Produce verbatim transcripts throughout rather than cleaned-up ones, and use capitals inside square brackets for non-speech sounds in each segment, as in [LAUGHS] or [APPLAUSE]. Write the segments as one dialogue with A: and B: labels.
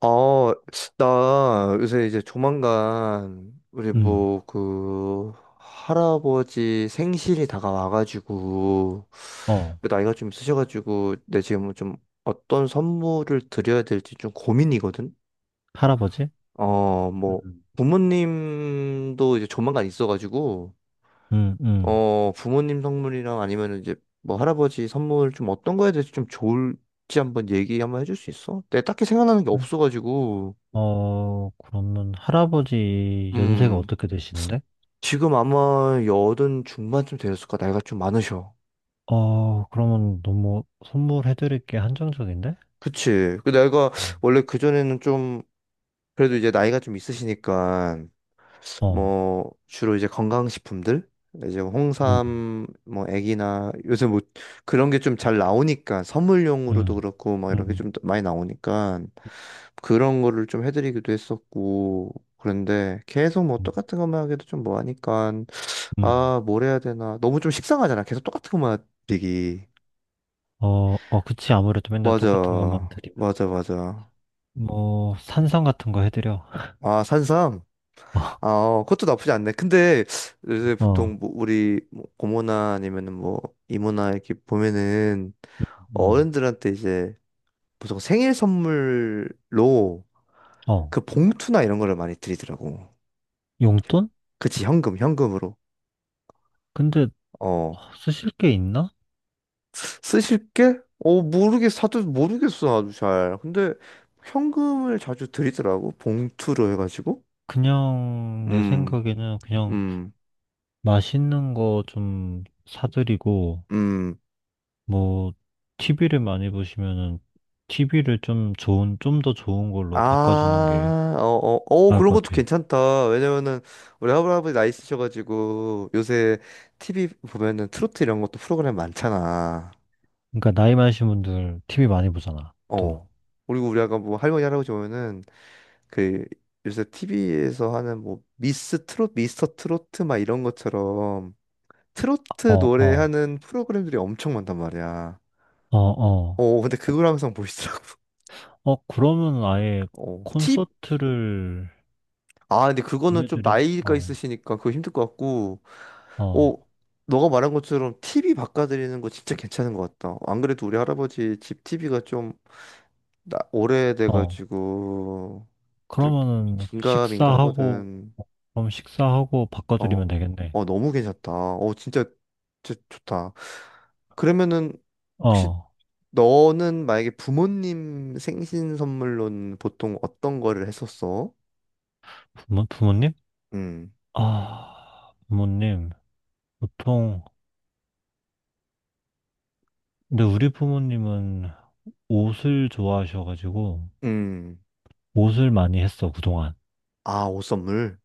A: 아, 나 요새 이제 조만간 우리
B: 음.
A: 뭐 그 할아버지 생신이 다가와가지고
B: 어,
A: 그 나이가 좀 있으셔가지고 내 지금 좀 어떤 선물을 드려야 될지 좀 고민이거든.
B: 할아버지?
A: 어, 뭐
B: 음.
A: 부모님도 이제 조만간 있어가지고
B: 음, 음.
A: 어 부모님 선물이랑 아니면 이제 뭐 할아버지 선물 좀 어떤 거에 대해서 좀 좋을지 한번 얘기 한번 해줄 수 있어? 내가 딱히 생각나는 게
B: 네.
A: 없어가지고.
B: 어, 그러면 할아버지 연세가
A: 음.
B: 어떻게 되시는데?
A: 지금 아마 여든 중반쯤 되었을까? 나이가 좀 많으셔.
B: 어, 그러면 너무 선물해드릴 게 한정적인데?
A: 그치. 그 나이가
B: 음.
A: 원래 그전에는 좀 그래도 이제 나이가 좀 있으시니까
B: 어,
A: 뭐 주로 이제 건강식품들, 이제
B: 음,
A: 홍삼 뭐 애기나, 요새 뭐 그런 게 좀 잘 나오니까 선물용으로도
B: 음,
A: 그렇고 막 이런 게
B: 음,
A: 좀 많이 나오니까 그런 거를 좀 해드리기도 했었고. 그런데 계속 뭐
B: 음,
A: 똑같은 것만 하기도 좀 뭐하니까,
B: 음.
A: 아 뭘 해야 되나. 너무 좀 식상하잖아, 계속 똑같은 것만 드리기.
B: 어, 어, 그치. 아무래도 맨날 똑같은 것만
A: 맞아,
B: 드리면.
A: 맞아, 맞아.
B: 뭐, 산성 같은 거 해드려.
A: 아, 산삼? 아,
B: [LAUGHS]
A: 어, 그것도 나쁘지 않네. 근데 요새
B: 어,
A: 보통 뭐 우리 뭐 고모나 아니면은 뭐 이모나 이렇게 보면은
B: 음,
A: 어른들한테 이제 보통 생일 선물로
B: 어,
A: 그 봉투나 이런 거를 많이 드리더라고.
B: 용돈?
A: 그치, 현금, 현금으로.
B: 근데
A: 어,
B: 어, 쓰실 게 있나?
A: 쓰실 게? 어, 모르겠어. 다들 모르겠어, 나도 잘. 근데 현금을 자주 드리더라고, 봉투로 해가지고.
B: 그냥 내
A: 음,
B: 생각에는 그냥
A: 음,
B: 맛있는 거 좀 사드리고,
A: 음.
B: 뭐, 티비를 많이 보시면은, 티비를 좀 좋은, 좀 더 좋은 걸로 바꿔주는 게
A: 아, 어, 어, 어,
B: 나을
A: 그런
B: 것
A: 것도
B: 같아.
A: 괜찮다. 왜냐면은 우리 할아버지 나이 스셔가지고 요새 티비 보면은 트로트 이런 것도 프로그램 많잖아.
B: 그러니까, 나이 많으신 분들 티비 많이 보잖아, 또.
A: 어. 그리고 우리 아까 뭐 할머니 할아버지 보면은 그 요새 티비에서 하는 뭐 미스 트롯, 미스터 트로트 막 이런 것처럼
B: 어,
A: 트로트
B: 어,
A: 노래하는 프로그램들이 엄청 많단 말이야.
B: 어, 어.
A: 어, 근데 그걸 항상 보시더라고.
B: 어, 그러면 아예
A: [LAUGHS] 어, 팁?
B: 콘서트를
A: 아, 근데 그거는 좀
B: 보내드린,
A: 나이가
B: 어,
A: 있으시니까 그거 힘들 것 같고.
B: 어,
A: 어, 너가 말한 것처럼 티비 바꿔드리는 거 진짜 괜찮은 것 같다. 안 그래도 우리 할아버지 집 티비가 좀 나-
B: 어.
A: 오래돼가지고 좀
B: 그러면은,
A: 긴가민가
B: 식사하고,
A: 하거든.
B: 그럼 식사하고 바꿔드리면
A: 어,
B: 되겠네.
A: 어 너무 괜찮다. 어 진짜 진짜 좋다. 그러면은 혹시
B: 어,
A: 너는 만약에 부모님 생신 선물로는 보통 어떤 거를 했었어?
B: 부모, 부모님?
A: 음,
B: 아, 부모님. 보통, 근데 우리 부모님은 옷을 좋아하셔가지고,
A: 음,
B: 옷을 많이 했어, 그동안.
A: 아, 옷 선물.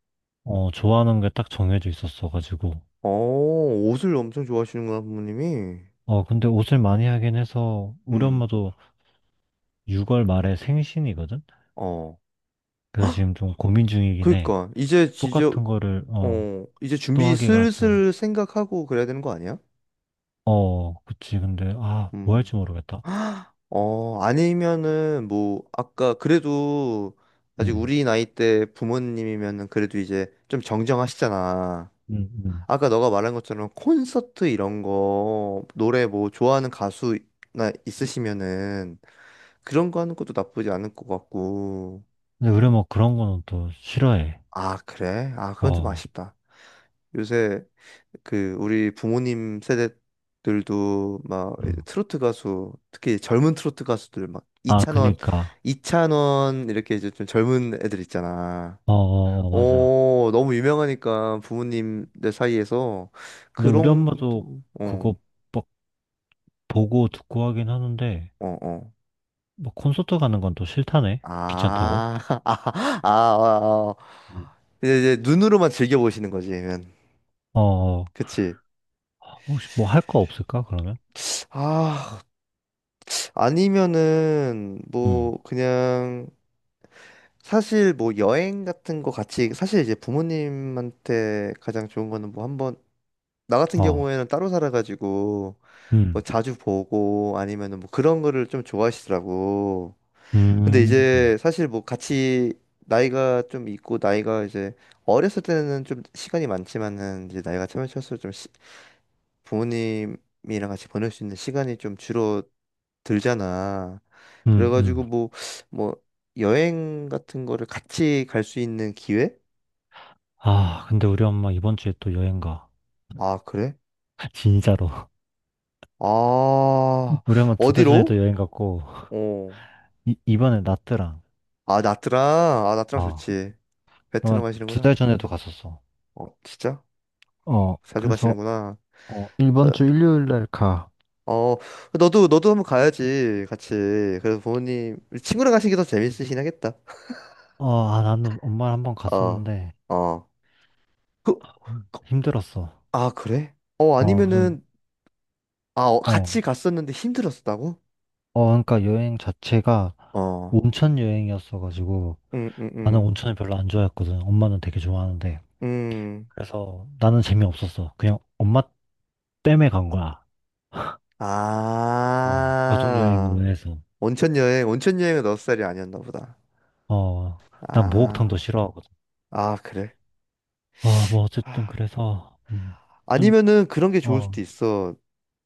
B: 어, 좋아하는 게 딱 정해져 있었어가지고.
A: 어, 옷을 엄청 좋아하시는구나, 부모님이.
B: 어, 근데 옷을 많이 하긴 해서, 우리
A: 음,
B: 엄마도 유월 말에 생신이거든?
A: 어.
B: 그래서 지금 좀 고민 중이긴 해.
A: 그러니까 이제 지저,
B: 똑같은 거를, 어,
A: 어 이제
B: 또
A: 준비
B: 하기가 좀,
A: 슬슬 생각하고 그래야 되는 거 아니야?
B: 어, 그치. 근데, 아, 뭐
A: 음.
B: 할지 모르겠다.
A: [GASPS] 어 아니면은 뭐 아까 그래도 아직
B: 음,
A: 우리 나이 때 부모님이면은 그래도 이제 좀 정정하시잖아.
B: 음, 음.
A: 아까 너가 말한 것처럼 콘서트 이런 거, 노래 뭐 좋아하는 가수나 있으시면은 그런 거 하는 것도 나쁘지 않을 것 같고.
B: 근데 우리 엄마 그런 거는 또 싫어해.
A: 아, 그래? 아, 그건 좀
B: 어,
A: 아쉽다. 요새 그 우리 부모님 세대들도 막 이제
B: 음.
A: 트로트 가수, 특히 젊은 트로트 가수들 막
B: 아,
A: 이찬원,
B: 그니까.
A: 이찬원 이렇게 이제 좀 젊은 애들 있잖아.
B: 어, 어, 어, 맞아.
A: 어 너무 유명하니까 부모님들 사이에서
B: 근데 우리
A: 그런
B: 엄마도
A: 것도
B: 그거
A: 어.
B: 막 보고 듣고 하긴 하는데,
A: 어, 어.
B: 뭐 콘서트 가는 건 또 싫다네? 귀찮다고?
A: 아, [LAUGHS] 아, 아, 아, 아.
B: 음.
A: 이제, 이제 눈으로만 즐겨보시는 거지, 그러면.
B: 어, 어.
A: 그치.
B: 혹시 뭐 할 거 없을까, 그러면?
A: 아, 아니면은,
B: 음,
A: 뭐, 그냥, 사실 뭐 여행 같은 거 같이, 사실 이제 부모님한테 가장 좋은 거는 뭐 한번, 나 같은
B: 어,
A: 경우에는 따로 살아가지고 뭐
B: 음,
A: 자주 보고 아니면은 뭐 그런 거를 좀 좋아하시더라고. 근데
B: 음,
A: 이제 사실 뭐 같이 나이가 좀 있고, 나이가 이제 어렸을 때는 좀 시간이 많지만은 이제 나이가 차면 찰수록 좀 시- 부모님이랑 같이 보낼 수 있는 시간이 좀 줄어들잖아.
B: 음, 음.
A: 그래가지고 뭐 뭐 여행 같은 거를 같이 갈 수 있는 기회?
B: 아, 근데 우리 엄마 이번 주에 또 여행 가.
A: 아, 그래?
B: [LAUGHS] 진짜로.
A: 아,
B: 우리 엄마 두 달 전에도
A: 어디로?
B: 여행 갔고,
A: 어.
B: 이, 이번에 나트랑.
A: 아, 나트랑. 아, 나트랑
B: 아,
A: 좋지. 베트남
B: 그러면 두
A: 가시는구나.
B: 달 전에도 갔었어.
A: 어, 진짜?
B: 어,
A: 자주
B: 그래서,
A: 가시는구나.
B: 어, 이번 주 일요일 날 가.
A: 어, 어, 너도, 너도 한번 가야지, 같이. 그래서 부모님, 친구랑 가시기 더 재밌으시긴 하겠다.
B: 어, 아, 나는 엄마랑 한번
A: 어,
B: 갔었는데,
A: 어. 그, 그-
B: 힘들었어.
A: 아, 그래? 어,
B: 어, 좀,
A: 아니면은, 아, 어,
B: 어,
A: 같이 갔었는데 힘들었다고?
B: 어, 그러니까 여행 자체가
A: 어,
B: 온천 여행이었어가지고
A: 응, 응,
B: 나는
A: 응.
B: 온천을 별로 안 좋아했거든. 엄마는 되게 좋아하는데.
A: 음.
B: 그래서 나는 재미없었어. 그냥 엄마 땜에 간 거야. 어, 가족
A: 아,
B: 여행으로 해서.
A: 온천 여행, 온천 여행은 너 스타일이 아니었나 보다.
B: 어, 난 목욕탕도
A: 아,
B: 싫어하거든.
A: 아, 그래.
B: 아, 뭐 어쨌든 그래서 음, 좀,
A: 아니면은 그런 게 좋을
B: 어,
A: 수도 있어.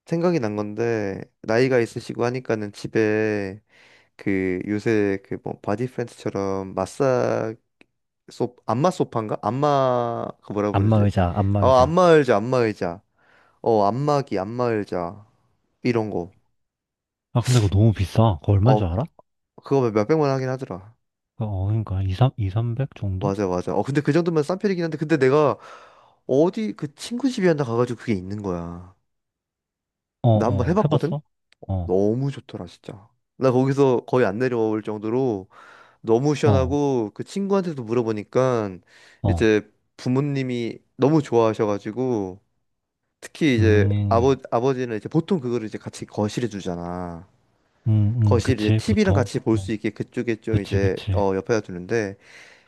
A: 생각이 난 건데, 나이가 있으시고 하니까는 집에 그 요새 그 뭐 바디 프렌즈처럼 마사, 소, 안마 소파인가? 안마, 그 뭐라 부르지?
B: 안마의자,
A: 어,
B: 안마의자.
A: 안마 의자, 안마 의자. 어, 안마기, 안마 의자. 이런 거.
B: 아, 근데 그거 너무 비싸. 그거 얼마인
A: 어,
B: 줄 알아?
A: 그거 몇백만 원 하긴 하더라.
B: 어, 그러니까 이삼 이, 삼백 정도?
A: 맞아, 맞아. 어, 근데 그 정도면 싼 편이긴 한데, 근데 내가 어디 그 친구 집이었나 가가지고 그게 있는 거야.
B: 어,
A: 나 한번
B: 어,
A: 해봤거든?
B: 해봤어? 어,
A: 너무 좋더라, 진짜. 나 거기서 거의 안 내려올 정도로 너무
B: 어,
A: 시원하고, 그 친구한테도 물어보니까
B: 어.
A: 이제 부모님이 너무 좋아하셔가지고, 특히 이제 아버,
B: 음,
A: 아버지는 이제 보통 그거를 이제 같이 거실에 두잖아.
B: 음, 음,
A: 거실 이제
B: 그치,
A: 티비랑
B: 보통.
A: 같이 볼
B: 어,
A: 수 있게 그쪽에 좀
B: 그치,
A: 이제
B: 그치.
A: 어, 옆에다 두는데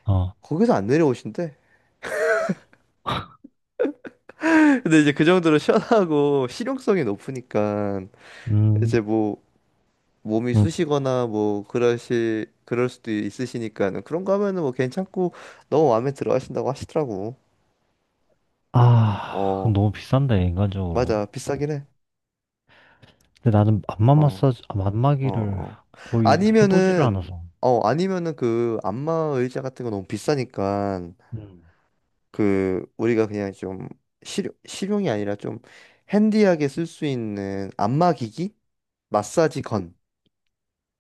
B: 어,
A: 거기서 안 내려오신대. [LAUGHS] 근데 이제 그 정도로 시원하고 실용성이 높으니까
B: 음,
A: 이제 뭐 몸이
B: 음.
A: 쑤시거나 뭐 그러실, 그럴 수도 있으시니까는 그런 거 하면은 뭐 괜찮고 너무 마음에 들어 하신다고 하시더라고.
B: 아, 그건
A: 어,
B: 너무 비싼데, 인간적으로.
A: 맞아. 비싸긴 해.
B: 근데 나는 안마
A: 어,
B: 마사지, 아,
A: 어,
B: 안마기를
A: 어.
B: 거의 해보지를
A: 아니면은
B: 않아서.
A: 어, 아니면은 그 안마 의자 같은 거 너무 비싸니까
B: 음.
A: 그 우리가 그냥 좀 실용 실용이 아니라 좀 핸디하게 쓸 수 있는 안마 기기? 마사지 건.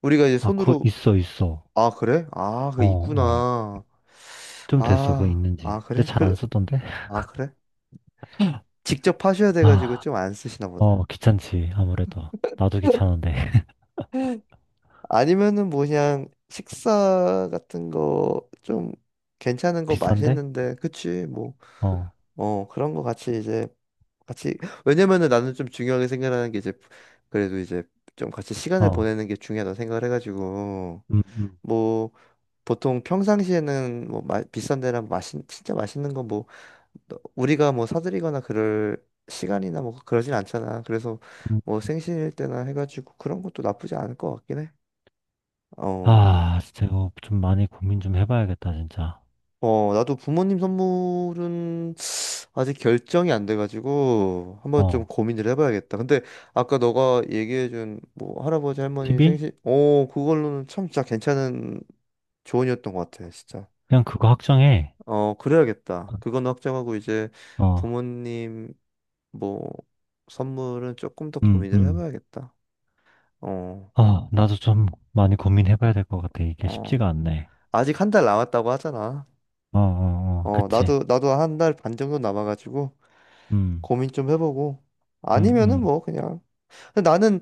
A: 우리가 이제
B: 아, 그거
A: 손으로,
B: 있어, 있어.
A: 아, 그래? 아, 그
B: 어, 어.
A: 있구나.
B: 좀 됐어, 그거
A: 아, 아,
B: 있는지. 근데
A: 그래?
B: 잘
A: 그래?
B: 안 쓰던데?
A: 아, 그래? 직접 하셔야 돼가지고
B: 아,
A: 좀 안 쓰시나
B: 어,
A: 보다.
B: 귀찮지, 아무래도. 나도 귀찮은데. [LAUGHS]
A: [LAUGHS] 아니면은 뭐 그냥 식사 같은 거 좀 괜찮은 거
B: 비싼데?
A: 맛있는데, 그치 뭐,
B: 어,
A: 어 그런 거 같이 이제 같이. [LAUGHS] 왜냐면은 나는 좀 중요하게 생각하는 게 이제, 그래도 이제 좀 같이 시간을
B: 어.
A: 보내는 게 중요하다 생각을 해가지고.
B: 음, 음.
A: 뭐 보통 평상시에는 뭐 마- 비싼 데랑 맛있, 진짜 맛있는 거뭐 너- 우리가 뭐 사드리거나 그럴 시간이나 뭐 그러진 않잖아. 그래서
B: 음.
A: 뭐 생신일 때나 해가지고 그런 것도 나쁘지 않을 것 같긴 해. 어.
B: 아, 진짜 이거 좀 많이 고민 좀 해봐야겠다, 진짜.
A: 어, 나도 부모님 선물은 아직 결정이 안 돼가지고 한번 좀
B: 어.
A: 고민을 해봐야겠다. 근데 아까 너가 얘기해준 뭐 할아버지 할머니
B: 티비?
A: 생신, 어, 그걸로는 참 진짜 괜찮은 조언이었던 것 같아, 진짜.
B: 그냥 그거 확정해.
A: 어, 그래야겠다. 그건 확정하고 이제
B: 어,
A: 부모님 뭐 선물은 조금 더
B: 음,
A: 고민을
B: 음.
A: 해봐야겠다. 어,
B: 아, 나도 좀 많이 고민해봐야 될 것 같아. 이게
A: 어.
B: 쉽지가 않네.
A: 아직 한 달 남았다고 하잖아.
B: 어, 어, 어,
A: 어,
B: 그치.
A: 나도, 나도 한 달 반 정도 남아가지고
B: 음,
A: 고민 좀 해보고.
B: 음,
A: 아니면은
B: 음.
A: 뭐, 그냥. 근데 나는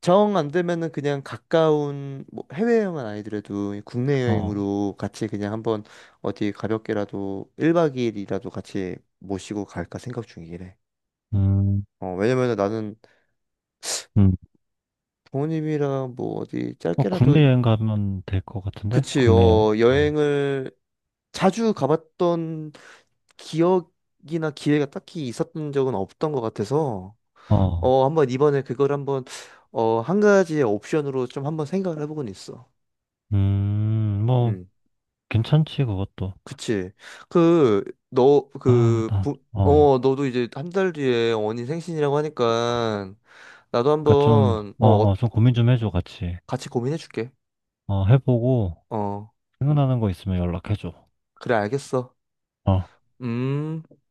A: 정 안 되면은 그냥 가까운, 뭐 해외 여행은 아니더라도 국내
B: 어,
A: 여행으로 같이 그냥 한번 어디 가볍게라도 일 박 이 일이라도 같이 모시고 갈까 생각 중이래.
B: 음,
A: 어, 왜냐면은 나는
B: 음.
A: 부모님이랑 뭐 어디
B: 어,
A: 짧게라도,
B: 국내 여행 가면 될 것 같은데?
A: 그치,
B: 국내 여행?
A: 어,
B: 어,
A: 여행을 자주 가봤던 기억이나 기회가 딱히 있었던 적은 없던 것 같아서
B: 어,
A: 어 한번 이번에 그걸 한번 어 한 가지의 옵션으로 좀 한번 생각을 해보곤 있어.
B: 음, 뭐,
A: 음,
B: 괜찮지, 그것도.
A: 그치. 그 너
B: 아,
A: 그
B: 나,
A: 부,
B: 어.
A: 어 너도 이제 한 달 뒤에 언니 생신이라고 하니까 나도
B: 그니까 좀,
A: 한번
B: 어,
A: 어
B: 어,
A: 어,
B: 좀 고민 좀 해줘, 같이.
A: 같이 고민해 줄게.
B: 어, 해보고,
A: 어
B: 생각나는 거 있으면 연락해줘.
A: 그래 알겠어.
B: 어.
A: 음.